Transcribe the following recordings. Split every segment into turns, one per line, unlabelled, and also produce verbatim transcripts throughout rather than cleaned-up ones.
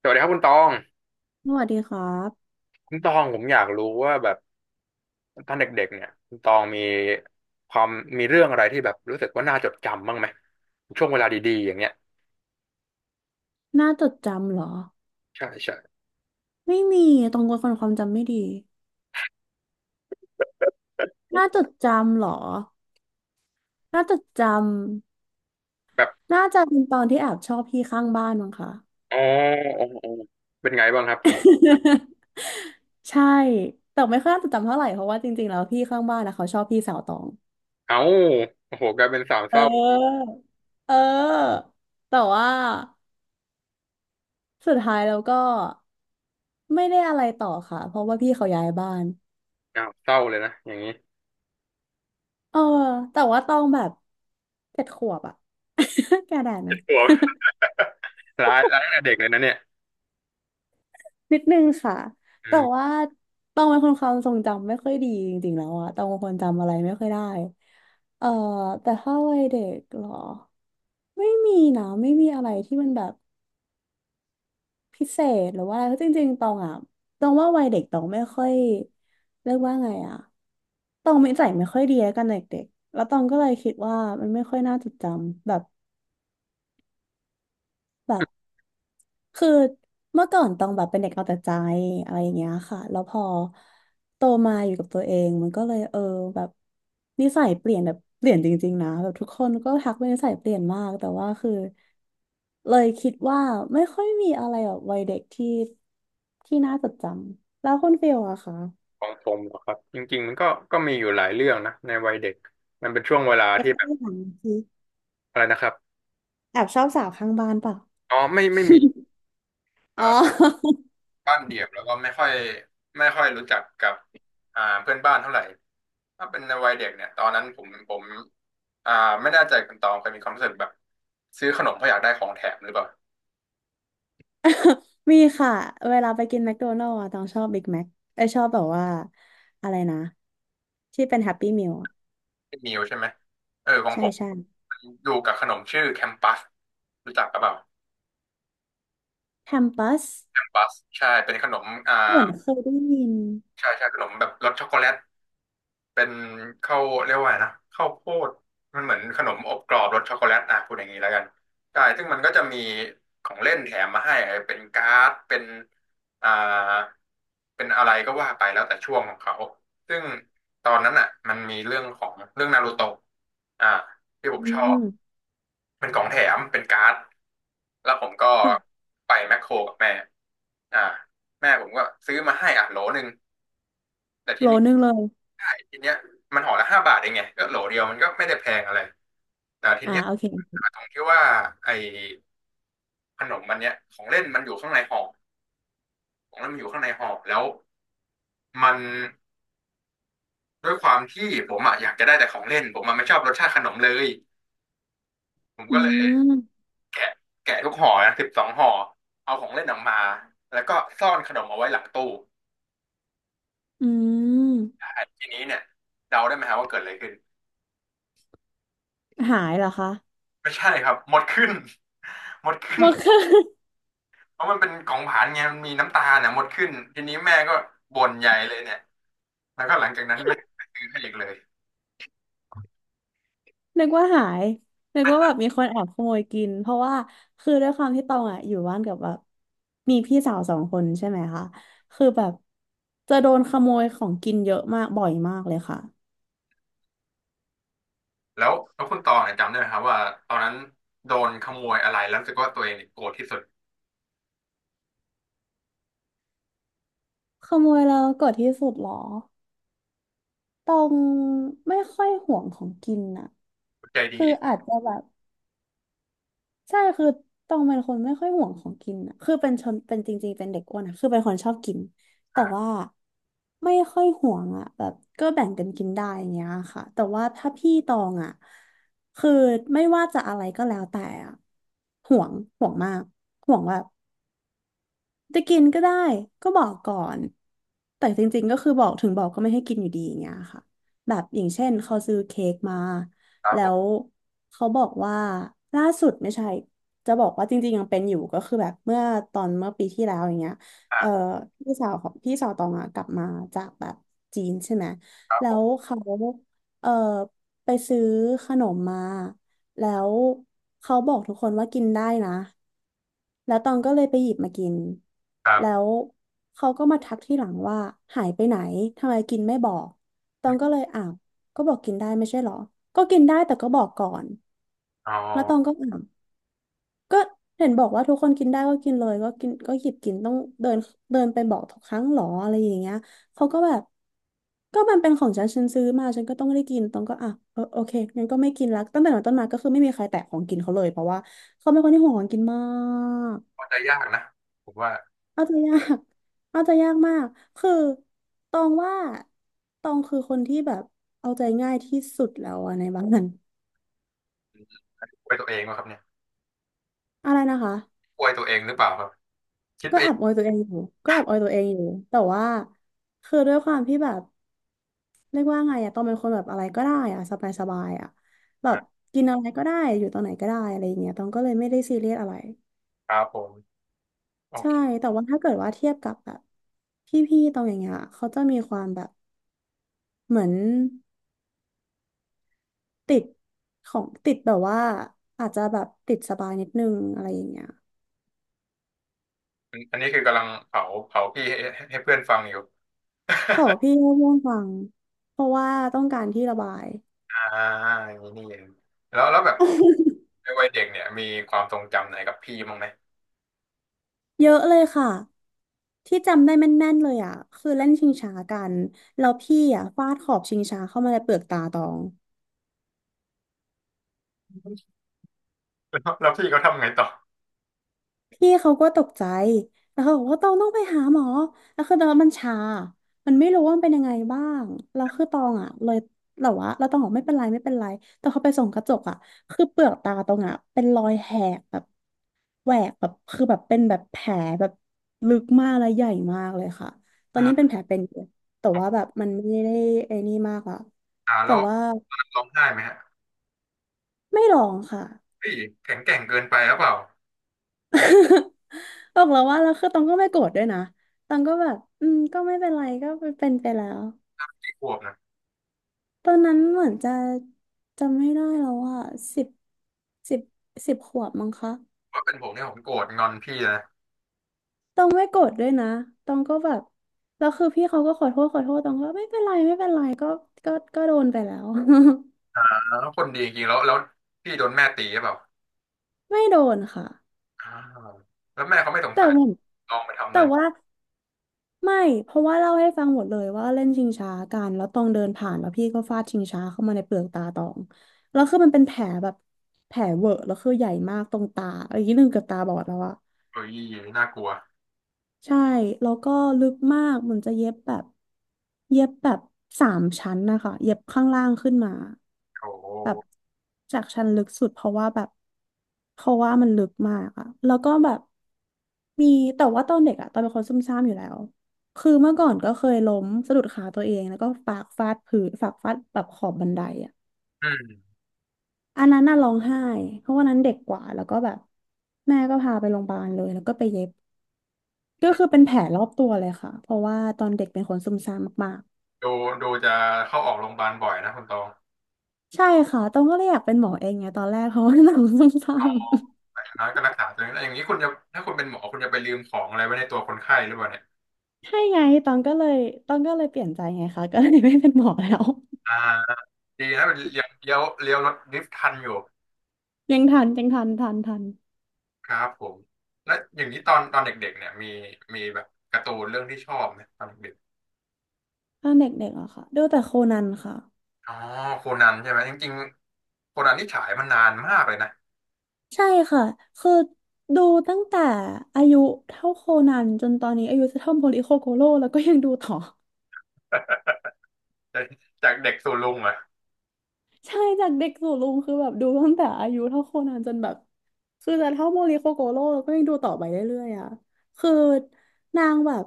สวัสดีครับคุณตอง
สวัสดีครับ
คุณตองผมอยากรู้ว่าแบบตอนเด็กๆเนี่ยคุณตองมีความมีเรื่องอะไรที่แบบรู้สึกว่าน่าจดจำบ้างไหมช่วงเวลาดีๆอย่างเงี้ย
หน้าจดจำเหรอ
ใช่ใช่
ไม่มี ตรงคนความจำไม่ดีหน้าจดจำเหรอหน้าจดจ
แบบ
ำ น่าจะเป็นตอนที่แอบชอบพี่ข้างบ้านมั้งคะ
อ๋ออ๋ออ๋อเป็นไงบ้างครับ
ใช่ แต่ไม่ค่อยน่าจดจำเท่าไหร่เพราะว่าจริงๆแล้วพี่ข้างบ้านนะเขาชอบพี่สาวตอง
เอ้าโอ้โหกลายเป็นสาว
เ
เศร้า
ออ เออ แต่ว่าสุดท้ายแล้วก็ไม่ได้อะไรต่อค่ะ เพราะว่าพี่เขาย้ายบ้าน
อ้าวเศร้าเลยนะอย่างนี้
เออแต่ว่าตองแบบเจ็ดขวบอะ แกได้ไหม
ตัวร้ายร้ายตั้งแต่เด็กเลยนะเนี่ย
นิดนึงค่ะ
อื
แต่
ม
ว่าตองเป็นคนความทรงจำไม่ค่อยดีจริงๆแล้วอะตองเป็นคนจำอะไรไม่ค่อยได้เอ่อแต่ถ้าวัยเด็กเหรอไม่มีนะไม่มีอะไรที่มันแบบพิเศษหรือว่าอะไรเพราะจริงๆตองอะตองว่าวัยเด็กตองไม่ค่อยเรียกว่าไงอะตองนิสัยไม่ค่อยดีแล้วกันเด็กๆแล้วตองก็เลยคิดว่ามันไม่ค่อยน่าจดจำแบบ แบบคือเมื่อก่อนต้องแบบเป็นเด็กเอาแต่ใจอะไรอย่างเงี้ยค่ะแล้วพอโตมาอยู่กับตัวเองมันก็เลยเออแบบนิสัยเปลี่ยนแบบเปลี่ยนจริงๆนะแบบทุกคนก็ทักว่านิสัยเปลี่ยนมากแต่ว่าคือเลยคิดว่าไม่ค่อยมีอะไรแบบวัยเด็กที่ที่น่าจดจำแล้วคุณฟิลอะคะ
ของผมเหรอครับจริงๆมันก็ก็มีอยู่หลายเรื่องนะในวัยเด็กมันเป็นช่วงเวลา
แค่
ที่
ตั
แบบ
วอย่างสิ
อะไรนะครับ
แอบชอบสาวข้างบ้านเปล่ะ
อ๋อไม่ไม่มี
อ๋อ
บ้านเดี่ยวแล้วก็ไม่ค่อยไม่ค่อยรู้จักกับอ่าเพื่อนบ้านเท่าไหร่ถ้าเป็นในวัยเด็กเนี่ยตอนนั้นผมผมอ่าไม่แน่ใจคุณตองเคยมีความรู้สึกแบบซื้อขนมเพราะอยากได้ของแถมหรือเปล่า
มีค่ะเวลาไปกินแมคโดนัลด์อะต้องชอบบิ๊กแม็กไอยชอบแบบว่าอะไรนะที่เป็นแฮปปี้มิล
เป็นมิวใช่ไหมเออของ
ใช่
ผม
ใช่
ดูกับขนมชื่อแคมปัสรู้จักกับเปล่า
แฮมปัส
แคมปัสใช่เป็นขนมอ่า
เหมือนเคยได้ยิน
ใช่ใช่ขนมแบบรสช็อกโกแลต เป็นข้าวเรียกว่าไงนะข้าวโพดมันเหมือนขนมอบกรอบรสช็อกโกแลตอ่ะพูดอย่างนี้แล้วกันใช่ซึ่งมันก็จะมีของเล่นแถมมาให้เป็นการ์ดเป็นอ่าเป็นอะไรก็ว่าไปแล้วแต่ช่วงของเขาซึ่งตอนนั้นอ่ะมันมีเรื่องของเรื่องนารูโตะอ่าที่ผ
อื
มชอบ
ม
เป็นของแถมเป็นการ์ดแล้วผมก็
ค่ะ
ไปแมคโครกับแม่อ่าแม่ผมก็ซื้อมาให้อ่ะโหลหนึ่งแต่ที
โลนึงเลย
ทีเนี้ยมันห่อละห้าบาทเองไงก็โหลเดียวมันก็ไม่ได้แพงอะไรแต่ที
อ่า
เนี้ย
โอเค
ตรงที่ว่าไอ้ขนมมันเนี้ยของเล่นมันอยู่ข้างในห่อของเล่นมันอยู่ข้างในห่อแล้วมันด้วยความที่ผมอะอยากจะได้แต่ของเล่นผมมันไม่ชอบรสชาติขนมเลยผม
อื
ก็เลย
ม
แกะแกะทุกห่อนะสิบสองห่อเอาของเล่นออกมาแล้วก็ซ่อนขนมเอาไว้หลังตู้
อืม
ทีนี้เนี่ยเดาได้ไหมฮะว่าเกิดอะไรขึ้น
หายเหรอคะ
ไม่ใช่ครับหมดขึ้น หมดขึ้
หม
น
ดค่ะ
เพราะมันเป็นของผ่านไงมันมีน้ำตาเนี่ยมดขึ้นทีนี้แม่ก็บ่นใหญ่เลยเนี่ยแล้วก็หลังจากนั้นแม่ก็่ซื้อให้อีกเลย
นึกว่าหายนึกว่าแบบมีคนแอบขโมยกินเพราะว่าคือด้วยความที่ตองอ่ะอยู่บ้านกับแบบมีพี่สาวสองคนใช่ไหมคะคือแบบจะโดนขโมยของกินเยอะมากบ่อยมากเลยค่ะ
แล้วแล้วคุณตองเนี่ยจำได้ไหมครับว่าตอนนั้นโดนขโมยอะไรแล้วรู้สึกว่าตัวเองเนี่ยโกรธที่สุด
ขโมยแล้วโกดที่สุดเหรอตองไม่ค่อยห่วงของกินน่ะ
ใจดี
คือ
อีก
อาจจะแบบ ใช่คือต้องเป็นคนไม่ค่อยห่วงของกินอะคือเป็นชนเป็นจริงๆเป็นเด็กอ้วนอะคือเป็นคนชอบกินแต่
อ่า
ว่าไม่ค่อยห่วงอะแบบก็แบ่งกันกินได้อย่างเงี้ยค่ะแต่ว่าถ้าพี่ตองอะคือไม่ว่าจะอะไรก็แล้วแต่อะห่วงห่วงมากห่วงแบบ จะกินก็ได้ก็บอกก่อนแต่จริงๆก็คือบอกถึงบอกก็ไม่ให้กินอยู่ดีอย่างเงี้ยค่ะแบบอย่างเช่นเขาซื้อเค้กมา
ครับ
แล้
ผม
วเขาบอกว่าล่าสุดไม่ใช่จะบอกว่าจริงๆยังเป็นอยู่ก็คือแบบเมื่อตอนเมื่อปีที่แล้วอย่างเงี้ย
อ่
เอ่อ
า
พี่สาวของพี่สาวตองอะกลับมาจากแบบจีนใช่ไหม
ครับ
แล้
ผม
วเขาเอ่อไปซื้อขนมมาแล้วเขาบอกทุกคนว่ากินได้นะ แล้วตองก็เลยไปหยิบมากิน
ครั
แล้
บ
วเขาก็มาทักที่หลังว่าหายไปไหน ทำไมกินไม่บอก ตองก็เลยอ้าวก็บอกกินได้ไม่ใช่เหรอ ก็กินได้แต่ก็บอกก่อน
อ๋อ
แล้วตองก็อ้าวก็เห็นบอกว่าทุกคนกินได้ก็กินเลยก็กินก็หยิบกินต้องเดินเดินไปบอกทุกครั้งเหรออะไรอย่างเงี้ยเขาก็แบบก็มันเป็นของฉันฉันซื้อมาฉันก็ต้องได้กิน ตองก็อ่ะเออโอเคงั้นก็ไม่กินละตั้งแต่นั้นต้นมาก็คือไม่มีใครแตะของกินเขาเลยเพราะว่าเขาเป็นคนที่ห่วงของกินมาก
เข้าใจยากนะผมว่า
เอาใจะยาก เอาใจะยากมาก คือตองว่าตองคือคนที่แบบเอาใจง่ายที่สุดแล้วอะในบ้าน
อวยตัวเองวะครับเนี่ย
อะไรนะคะ
อวยตัวเองหรือเปล่าครับคิด
ก็
ไป
แอ
เอ
บ
ง
ออยตัวเองอยู่ก็แอบออยตัวเองอยู่แต่ว่าคือด้วยความที่แบบเรียกว่าไงอะตองเป็นคนแบบอะไรก็ได้อะสบายสบายอะแบบ
นะ
กินอะไรก็ได้อยู่ตรงไหนก็ได้อะไรอย่างเงี้ยตองก็เลยไม่ได้ซีเรียสอะไร
ครับผมโอ
ใช่
เค
แต่ว่าถ้าเกิดว่าเทียบกับแบบพี่ๆตองอย่างเงี้ยเขาจะมีความแบบเหมือน ติดของติดแบบว่าอาจจะแบบติดสบายนิดนึงอะไรอย่างเงี้ย
อันนี้คือกำลังเผาเผาพี่ให้ให้ให้เพื่อนฟังอยู่
แต่ว่าพี่ก็ง่วงฟังเพราะว่าต้องการที่ระบาย
อ่าอย่างนี้นี่เองแล้วแล้วแบบ ในวัยเด็กเนี่ยมีความทรงจำไหนกับพี่บ้างไหม
เยอะเลยค่ะที่จำได้แม่นๆเลยอ่ะคือเล่นชิงช้ากันแล้วพี่อ่ะฟาดขอบชิงช้าเข้ามาในเปลือกตาตอง
แล้วแล้วพี่เขาทำไงต่อ
พี่เขาก็ตกใจ แล้วเขาบอกว่าตองต้องไปหาหมอแล้วคือตอนมันชามันไม่รู้ว่ามันเป็นยังไงบ้างแล้วคือตองอ่ะเลยแต่ว่าเราตองบอกไม่เป็นไรไม่เป็นไรแต่เขาไปส่องกระจกอ่ะคือเปลือกตาตองอ่ะเป็นรอยแหกแบบแหวกแบบคือแบบเป็นแบบแผลแบบลึกมากและใหญ่มากเลยค่ะ ตอนนี้เป็น
อ่า
แผลเป็นอยู่แต่ว่าแบบมันไม่ได้ไอ้นี่มากอ่ะ
อ่า
แต่
แล้ว
ว่า
ร้องไห้ไหมฮะ
ไม่ร้องค่ะ
พี้ยแข็งแกร่งเกินไปหรือเปล่า
บอกแล้วว่าแล้วคือตองก็ไม่โกรธด้วยนะตองก็แบบอืมก็ไม่เป็นไรก็เป็นไปแล้ว
พี่ขวบนะ
ตอนนั้นเหมือนจะจำไม่ได้แล้วอ่ะสิบสิบสิบขวบมั้งคะ
ว่าเป็นผมเนี่ยผมโกรธงอนพี่นะ
ตองไม่โกรธด้วยนะตองก็แบบแล้วคือพี่เขาก็ขอโทษขอโทษตองก็ไม่เป็นไรไม่เป็นไรก็ก็ก็โดนไปแล้ว
อ่าแล้วคนดีจริงๆแล้วแล้วพี่โดนแม่ตีหรือเปล่า
ไม่โดนค่ะ
อ่าแล้วแม่เขาไม่สง
แต่
สัย
เหมือน
ลองไปทำอะ
แต่
ไร
ว่า ไม่ เพราะว่าเล่าให้ฟังหมดเลยว่าเล่นชิงช้ากันแล้วตองเดินผ่านแล้วพี่ก็ฟาดชิงช้าเข้ามาในเปลือกตาตองแล้วคือมันเป็นแผลแบบแผลเวอะแล้วคือใหญ่มากตรงตาอะไรอย่างนี้หนึ่งเกับตาบอดแล้วอะ
เฮ้ยน่ากลัว
ใช่แล้วก็ลึกมากเหมันจะเย็บแบบ เย็บแบบสามชั้นนะคะเย็บข้างล่างขึ้นมา
โอ้โห
แบบจากชั้นลึกสุดเพราะว่าแบบเพราะว่ามันลึกมากอะแล้วก็แบบมีแต่ว่าตอนเด็กอะตอนเป็นคนซุ่มซ่ามอยู่แล้วคือเมื่อก่อนก็เคยล้มสะดุดขาตัวเองแล้วก็ปากฟาดพื้นปากฟาดแบบขอบบันไดอะ
อืม
อันนั้นน่ะร้องไห้เพราะวันนั้นเด็กกว่าแล้วก็แบบแม่ก็พาไปโรงพยาบาลเลยแล้วก็ไปเย็บก็คือเป็นแผลรอบตัวเลยค่ะเพราะว่าตอนเด็กเป็นคนซุ่มซ่ามมาก
ดูดูจะเข้าออกโรงพยาบาลบ่อยนะคุณตอง
ใช่ค่ะตองก็เลยอยากเป็นหมอเองไงตอนแรกเพราะว่าหนังส้ซ้
นอ
ำ
นยงน้อยก็รักษาตัวเองแล้วอย่างนี้คุณจะถ้าคุณเป็นหมอคุณจะไปลืมของอะไรไว้ในตัวคนไข้หรือเปล่าเนี่ย
ๆใช่ไงตองก็เลยตองก็เลยเปลี่ยนใจไงคะก็เลยไม่เป็นหมอแล้ว
อ่า ดีนะเป็นเลี้ยวเลี้ยวเลี้ยวรถดริฟท์ทันอยู่
ยังทันยังทันทันทัน
ครับผมแล้วอย่างนี้ตอนตอนเด็กๆเนี่ยมีมีแบบการ์ตูนเรื่องที่ชอบไหมตอนเด็ก
ตอนเด็กๆอะค่ะดูแต่โคนันค่ะ
ๆอ๋อโคนันใช่ไหมจริงๆโคนันที่ฉายมานานมากเลยนะ
ใช่ค่ะคือดูตั้งแต่อายุเท่าโคนันจนตอนนี้อายุจะเท่าโมริโคโกโร่แล้วก็ยังดูต่อ
จากจากเด็กสู่ลุงเหรอ
ใช่จากเด็กสู่ลุงคือแบบดูตั้งแต่อายุเท่าโคนันจนแบบคือจะเท่าโมริโคโกโร่แล้วก็ยังดูต่อไปเรื่อยๆอ่ะคือนางแบบ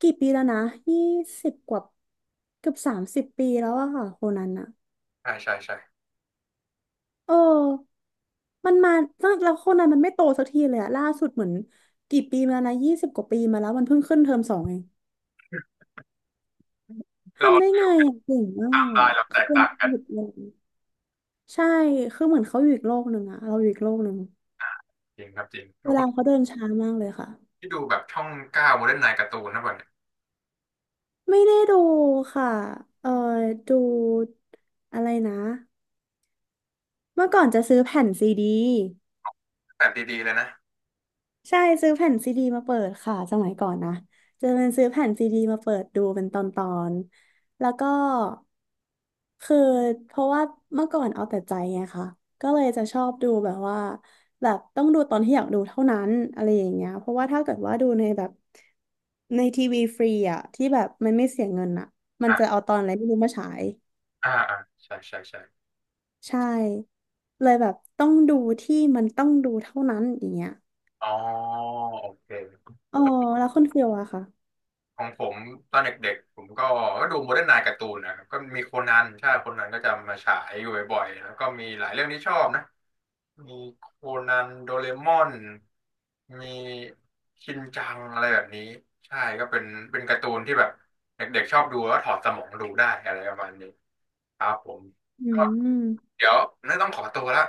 กี่ปีแล้วนะยี่สิบกว่าเกือบสามสิบปีแล้วอะค่ะโคนันอะ
ใช่ใช่ใช่
เออมันมาตั้งแล้วโคนันมันไม่โตสักทีเลยอะล่าสุดเหมือนกี่ปีมาแล้วนะยี่สิบกว่าปีมาแล้วมันเพิ่งขึ้นเทอมสองเอง
เรา
ทำได้ไงอะเก่งมาก
ทำลาย
อะ
เราแต
คือ
ก
เป็น
ต่างกั
ห
น
ยุดเลยใช่คือเหมือนเขาอยู่อีกโลกหนึ่งอะเราอยู่อีกโลกหนึ่ง
จริงครับจริงทุ
เว
กค
ลา
น
เขาเดินช้ามากเลยค่ะ
ที่ดูแบบช่องเก้าโมเดิร์นไนน์การ์ตูนนะบ่เนี่ย
ไม่ได้ดูค่ะเออดูอะไรนะเมื่อก่อนจะซื้อแผ่นซีดี
แบบดีๆเลยนะ
ใช่ซื้อแผ่นซีดีมาเปิดค่ะสมัยก่อนนะจะเป็นซื้อแผ่นซีดีมาเปิดดูเป็นตอนตอนแล้วก็คือเพราะว่าเมื่อก่อนเอาแต่ใจไงคะก็เลยจะชอบดูแบบว่าแบบต้องดูตอนที่อยากดูเท่านั้นอะไรอย่างเงี้ยเพราะว่าถ้าเกิดว่าดูในแบบในทีวีฟรีอะที่แบบมันไม่เสียเงินอะมัน
อ่ะ
จะเอาตอนอะไรไม่รู้มาฉาย
อ่าอ่าใช่ใช่ใช่
ใช่เลยแบบต้องดูที่มันต้องดูเท่านั้นอย่างเงี้ย
อ๋อโอเค
อ๋อแล้วคุณฟิลอะค่ะ
ของผมตอนเด็กๆผมก็ก็ดูโมเดิร์นไนน์การ์ตูนนะครับก็มีโคนันใช่โคนันก็จะมาฉายอยู่บ่อยๆแล้วก็มีหลายเรื่องที่ชอบนะมีโคนันโดเรมอนมีชินจังอะไรแบบนี้ใช่ก็เป็นเป็นการ์ตูนที่แบบเด็กๆชอบดูแล้วถอดสมองดูได้อะไรประมาณนี้ครับผม
อื
ก็
ม
เดี๋ยวน่าต้องขอตัวละ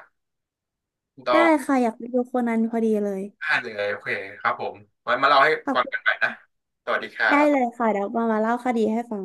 ต้
ได้
อง
ค่ะอยากไปดูโคนันพอดีเลย
ไดาดเลยโอเคครับผมไว้มาเล่าให้
ขอบ
ฟัง
คุ
กันให
ณ
ม่นะสวัสดีครั
ได้เลย
บ
ค่ะเดี๋ยวมามาเล่าคดีให้ฟัง